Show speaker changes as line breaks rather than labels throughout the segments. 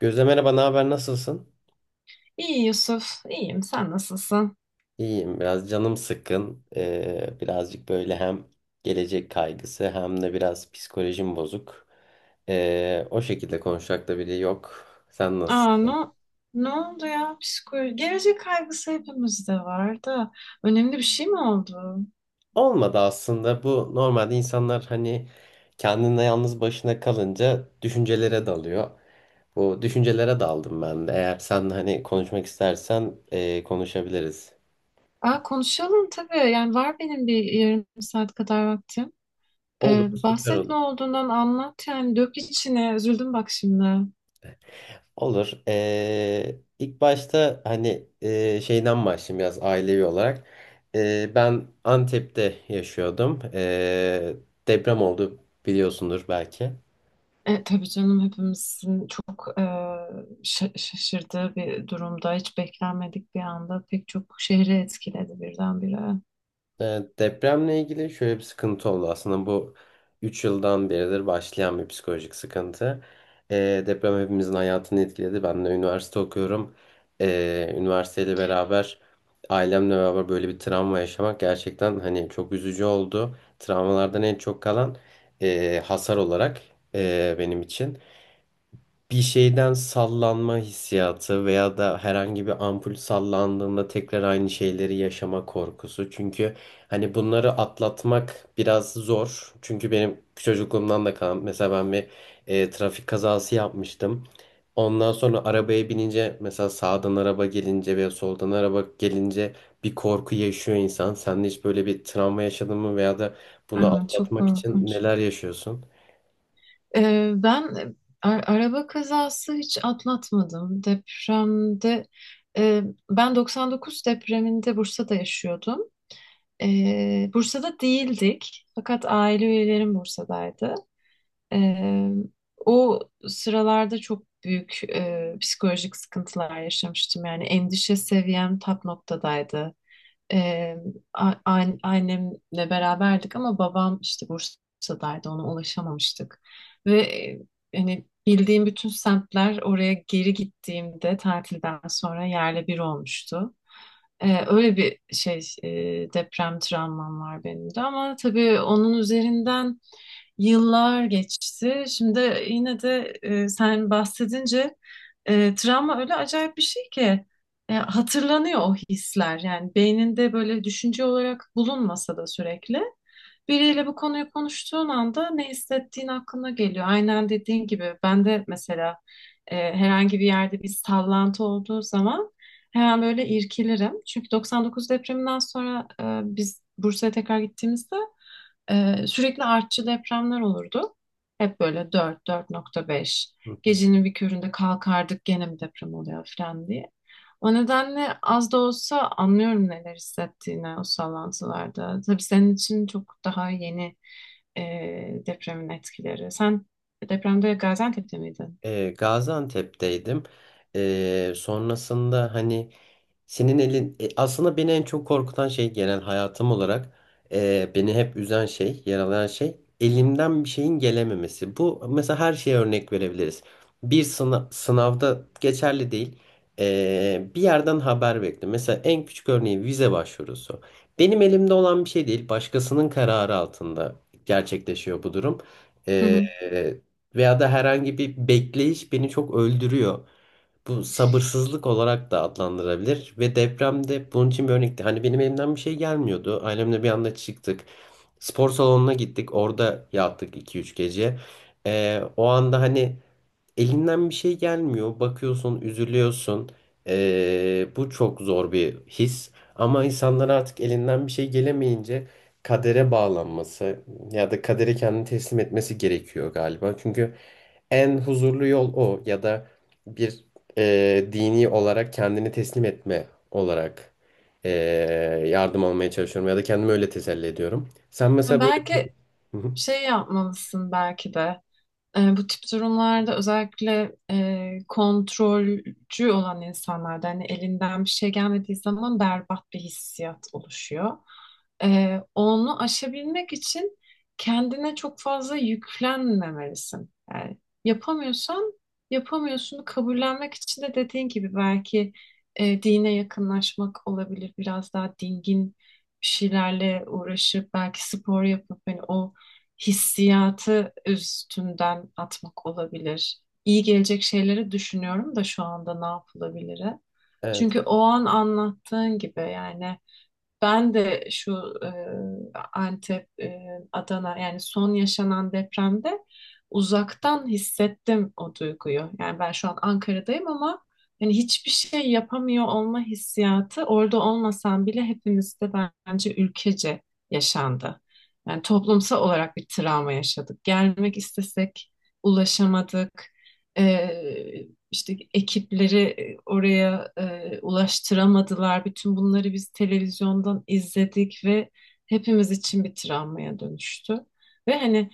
Gözde merhaba, ne haber, nasılsın?
İyi Yusuf, iyiyim. Sen nasılsın?
İyiyim, biraz canım sıkkın. Birazcık böyle hem gelecek kaygısı hem de biraz psikolojim bozuk. O şekilde konuşacak da biri yok. Sen
Aa, ne,
nasılsın?
ne oldu ya? Psikoloji, gelecek kaygısı hepimizde var da. Önemli bir şey mi oldu?
Olmadı aslında. Bu normalde insanlar hani kendine yalnız başına kalınca düşüncelere dalıyor. Bu düşüncelere daldım ben de. Eğer sen hani konuşmak istersen konuşabiliriz.
Aa, konuşalım tabii. Yani var benim bir yarım saat kadar vaktim.
Olur,
Ee,
süper
bahset ne
olur.
olduğundan anlat yani. Dök içine. Üzüldüm bak şimdi.
Olur. İlk başta hani şeyden başlayayım biraz ailevi olarak. Ben Antep'te yaşıyordum. Deprem oldu, biliyorsundur belki.
Tabii canım hepimizin çok şaşırdığı bir durumda. Hiç beklenmedik bir anda. Pek çok şehri etkiledi birdenbire.
Evet, depremle ilgili şöyle bir sıkıntı oldu. Aslında bu 3 yıldan beridir başlayan bir psikolojik sıkıntı. Deprem hepimizin hayatını etkiledi. Ben de üniversite okuyorum. Üniversiteyle beraber ailemle beraber böyle bir travma yaşamak gerçekten hani çok üzücü oldu. Travmalardan en çok kalan hasar olarak benim için bir şeyden sallanma hissiyatı veya da herhangi bir ampul sallandığında tekrar aynı şeyleri yaşama korkusu. Çünkü hani bunları atlatmak biraz zor. Çünkü benim çocukluğumdan da kalan, mesela ben bir trafik kazası yapmıştım. Ondan sonra arabaya binince mesela sağdan araba gelince veya soldan araba gelince bir korku yaşıyor insan. Sen de hiç böyle bir travma yaşadın mı veya da bunu
Aa, çok
atlatmak için
korkunç.
neler yaşıyorsun?
Ben araba kazası hiç atlatmadım. Depremde e, ben 99 depreminde Bursa'da yaşıyordum. Bursa'da değildik fakat aile üyelerim Bursa'daydı. Ee, o sıralarda çok büyük psikolojik sıkıntılar yaşamıştım. Yani endişe seviyem tap noktadaydı. Ee, annemle beraberdik ama babam işte Bursa'daydı ona ulaşamamıştık. Ve hani bildiğim bütün semtler oraya geri gittiğimde tatilden sonra yerle bir olmuştu. Öyle bir şey deprem travmam var benim de ama tabii onun üzerinden yıllar geçti. Şimdi yine de sen bahsedince travma öyle acayip bir şey ki hatırlanıyor o hisler. Yani beyninde böyle düşünce olarak bulunmasa da sürekli biriyle bu konuyu konuştuğun anda ne hissettiğin aklına geliyor. Aynen dediğin gibi ben de mesela herhangi bir yerde bir sallantı olduğu zaman, hemen böyle irkilirim. Çünkü 99 depreminden sonra biz Bursa'ya tekrar gittiğimizde sürekli artçı depremler olurdu. Hep böyle 4, 4.5. Gecenin bir köründe kalkardık gene mi deprem oluyor falan diye. O nedenle az da olsa anlıyorum neler hissettiğini o sallantılarda. Tabii senin için çok daha yeni e, depremin etkileri. Sen depremde Gaziantep'te miydin?
Gaziantep'teydim. Sonrasında hani senin elin aslında beni en çok korkutan şey genel hayatım olarak beni hep üzen şey, yaralayan şey elimden bir şeyin gelememesi. Bu mesela her şeye örnek verebiliriz. Bir sınav, sınavda geçerli değil. Bir yerden haber bekle. Mesela en küçük örneği vize başvurusu. Benim elimde olan bir şey değil. Başkasının kararı altında gerçekleşiyor bu durum.
Hı
E,
hı.
veya da herhangi bir bekleyiş beni çok öldürüyor. Bu sabırsızlık olarak da adlandırabilir ve depremde bunun için bir örnekti. Hani benim elimden bir şey gelmiyordu. Ailemle bir anda çıktık. Spor salonuna gittik. Orada yattık 2 3 gece. O anda hani elinden bir şey gelmiyor. Bakıyorsun, üzülüyorsun. Bu çok zor bir his. Ama insanlar artık elinden bir şey gelemeyince kadere bağlanması ya da kadere kendini teslim etmesi gerekiyor galiba. Çünkü en huzurlu yol o, ya da bir dini olarak kendini teslim etme olarak e, yardım almaya çalışıyorum ya da kendimi öyle teselli ediyorum. Sen mesela böyle...
Belki
Hı hı.
şey yapmalısın belki de. Bu tip durumlarda özellikle kontrolcü olan insanlarda hani elinden bir şey gelmediği zaman berbat bir hissiyat oluşuyor. Onu aşabilmek için kendine çok fazla yüklenmemelisin. Yani yapamıyorsan yapamıyorsun kabullenmek için de dediğin gibi belki dine yakınlaşmak olabilir. Biraz daha dingin bir şeylerle uğraşıp belki spor yapıp hani o hissiyatı üstünden atmak olabilir. İyi gelecek şeyleri düşünüyorum da şu anda ne yapılabilir? Çünkü o an anlattığın gibi yani ben de şu e, Antep, Adana yani son yaşanan depremde uzaktan hissettim o duyguyu. Yani ben şu an Ankara'dayım ama yani hiçbir şey yapamıyor olma hissiyatı orada olmasam bile hepimizde bence ülkece yaşandı. Yani toplumsal olarak bir travma yaşadık. Gelmek istesek ulaşamadık. E, işte ekipleri oraya ulaştıramadılar. Bütün bunları biz televizyondan izledik ve hepimiz için bir travmaya dönüştü. Ve hani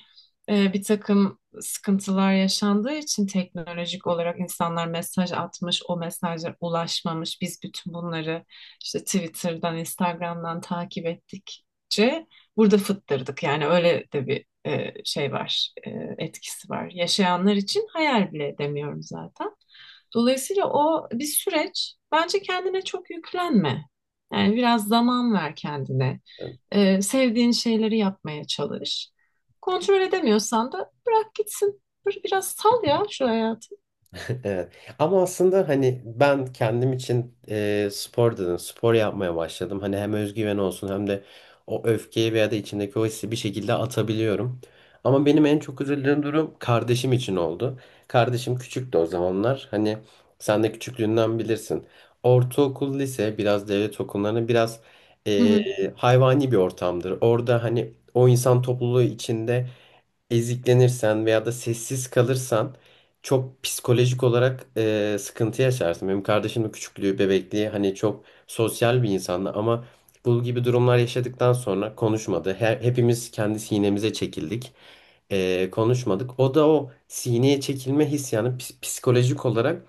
bir takım sıkıntılar yaşandığı için teknolojik olarak insanlar mesaj atmış, o mesajlar ulaşmamış. Biz bütün bunları işte Twitter'dan, Instagram'dan takip ettikçe burada fıttırdık. Yani öyle de bir şey var, etkisi var. Yaşayanlar için hayal bile edemiyorum zaten. Dolayısıyla o bir süreç. Bence kendine çok yüklenme. Yani biraz zaman ver kendine.
Evet.
Sevdiğin şeyleri yapmaya çalış. Kontrol edemiyorsan da bırak gitsin. Biraz sal ya şu hayatı.
Evet. Ama aslında hani ben kendim için spor dedim. Spor yapmaya başladım. Hani hem özgüven olsun hem de o öfkeyi veya da içindeki o hissi bir şekilde atabiliyorum. Ama benim en çok üzüldüğüm durum kardeşim için oldu. Kardeşim küçüktü o zamanlar. Hani sen de küçüklüğünden bilirsin. Ortaokul, lise biraz devlet okullarının biraz
Hı
e,
hı.
hayvani bir ortamdır. Orada hani o insan topluluğu içinde eziklenirsen veya da sessiz kalırsan çok psikolojik olarak sıkıntı yaşarsın. Benim kardeşim de küçüklüğü, bebekliği hani çok sosyal bir insandı, ama bu gibi durumlar yaşadıktan sonra konuşmadı. Hepimiz kendi sinemize çekildik. Konuşmadık. O da o sineye çekilme hissiyatını psikolojik olarak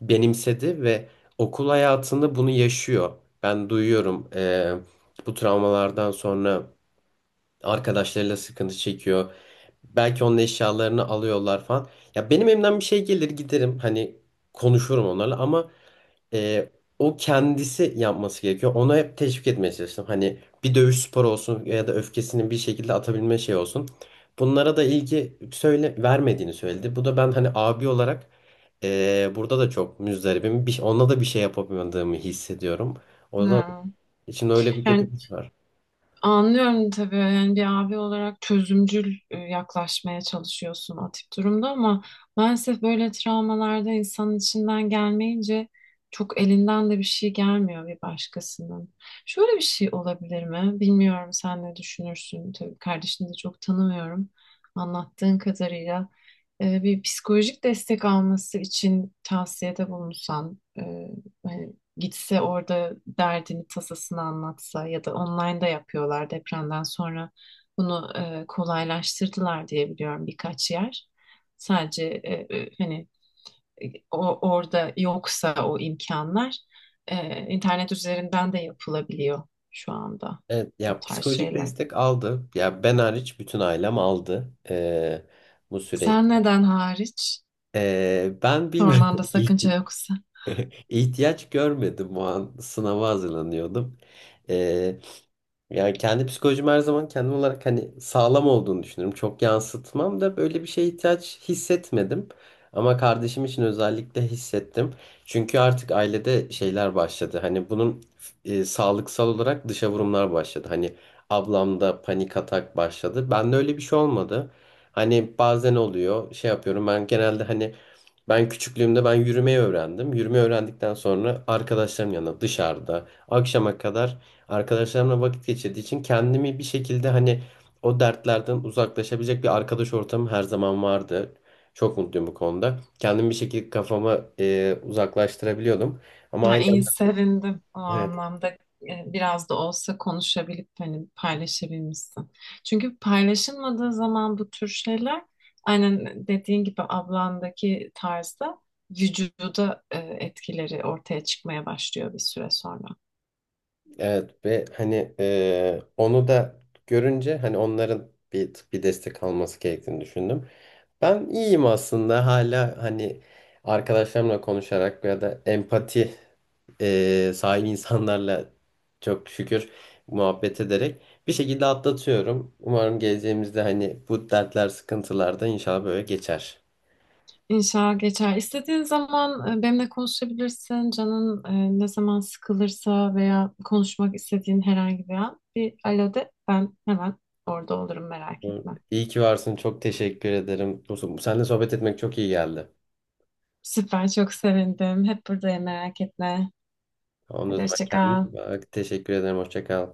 benimsedi ve okul hayatında bunu yaşıyor. Ben duyuyorum. Bu travmalardan sonra arkadaşlarıyla sıkıntı çekiyor. Belki onun eşyalarını alıyorlar falan. Ya benim elimden bir şey gelir, giderim hani konuşurum onlarla, ama e, o kendisi yapması gerekiyor. Ona hep teşvik etmeye çalıştım. Hani bir dövüş sporu olsun ya da öfkesini bir şekilde atabilme şey olsun. Bunlara da ilgi söyle vermediğini söyledi. Bu da ben hani abi olarak burada da çok müzdaribim. Bir, ona da bir şey yapamadığımı hissediyorum. O yüzden
Ha.
içimde öyle bir kötü
Yani
bir his var.
anlıyorum tabii yani bir abi olarak çözümcül yaklaşmaya çalışıyorsun o tip durumda ama maalesef böyle travmalarda insanın içinden gelmeyince çok elinden de bir şey gelmiyor bir başkasının. Şöyle bir şey olabilir mi? Bilmiyorum sen ne düşünürsün. Tabii kardeşini de çok tanımıyorum anlattığın kadarıyla. Bir psikolojik destek alması için tavsiyede bulunsan, hani gitse orada derdini tasasını anlatsa ya da online online'da yapıyorlar depremden sonra bunu kolaylaştırdılar diye biliyorum birkaç yer. Sadece hani orada yoksa o imkanlar internet üzerinden de yapılabiliyor şu anda
Evet,
o
ya
tarz
psikolojik
şeyler.
destek aldı. Ya ben hariç bütün ailem aldı bu süreç.
Sen neden hariç?
Ben bilmiyorum.
Sormanda sakınca
İhti-
yoksa.
ihtiyaç görmedim, o an sınava hazırlanıyordum. Yani kendi psikolojim her zaman kendim olarak hani sağlam olduğunu düşünüyorum. Çok yansıtmam da böyle bir şeye ihtiyaç hissetmedim. Ama kardeşim için özellikle hissettim. Çünkü artık ailede şeyler başladı. Hani bunun sağlıksal olarak dışa vurumlar başladı. Hani ablamda panik atak başladı. Bende öyle bir şey olmadı. Hani bazen oluyor, şey yapıyorum, ben genelde hani ben küçüklüğümde ben yürümeyi öğrendim. Yürümeyi öğrendikten sonra arkadaşlarım yanında dışarıda akşama kadar arkadaşlarımla vakit geçirdiği için kendimi bir şekilde hani o dertlerden uzaklaşabilecek bir arkadaş ortamım her zaman vardı. Çok mutluyum bu konuda. Kendimi bir şekilde kafamı uzaklaştırabiliyordum. Ama
Ha, iyi
ailem.
sevindim o
Evet.
anlamda biraz da olsa konuşabilip hani paylaşabilmişsin. Çünkü paylaşılmadığı zaman bu tür şeyler aynen dediğin gibi ablandaki tarzda vücuda etkileri ortaya çıkmaya başlıyor bir süre sonra.
Evet. Ve hani onu da görünce hani onların bir destek alması gerektiğini düşündüm. Ben iyiyim aslında, hala hani arkadaşlarımla konuşarak ya da empati sahibi insanlarla çok şükür muhabbet ederek bir şekilde atlatıyorum. Umarım geleceğimizde hani bu dertler, sıkıntılar da inşallah böyle geçer.
İnşallah geçer. İstediğin zaman benimle konuşabilirsin. Canın ne zaman sıkılırsa veya konuşmak istediğin herhangi bir an bir alo de. Ben hemen orada olurum merak etme.
İyi ki varsın. Çok teşekkür ederim. Seninle sohbet etmek çok iyi geldi.
Süper çok sevindim. Hep buradayım merak etme.
Ondan
Hadi
sonra
hoşça
kendine
kal.
iyi bak. Teşekkür ederim. Hoşça kal.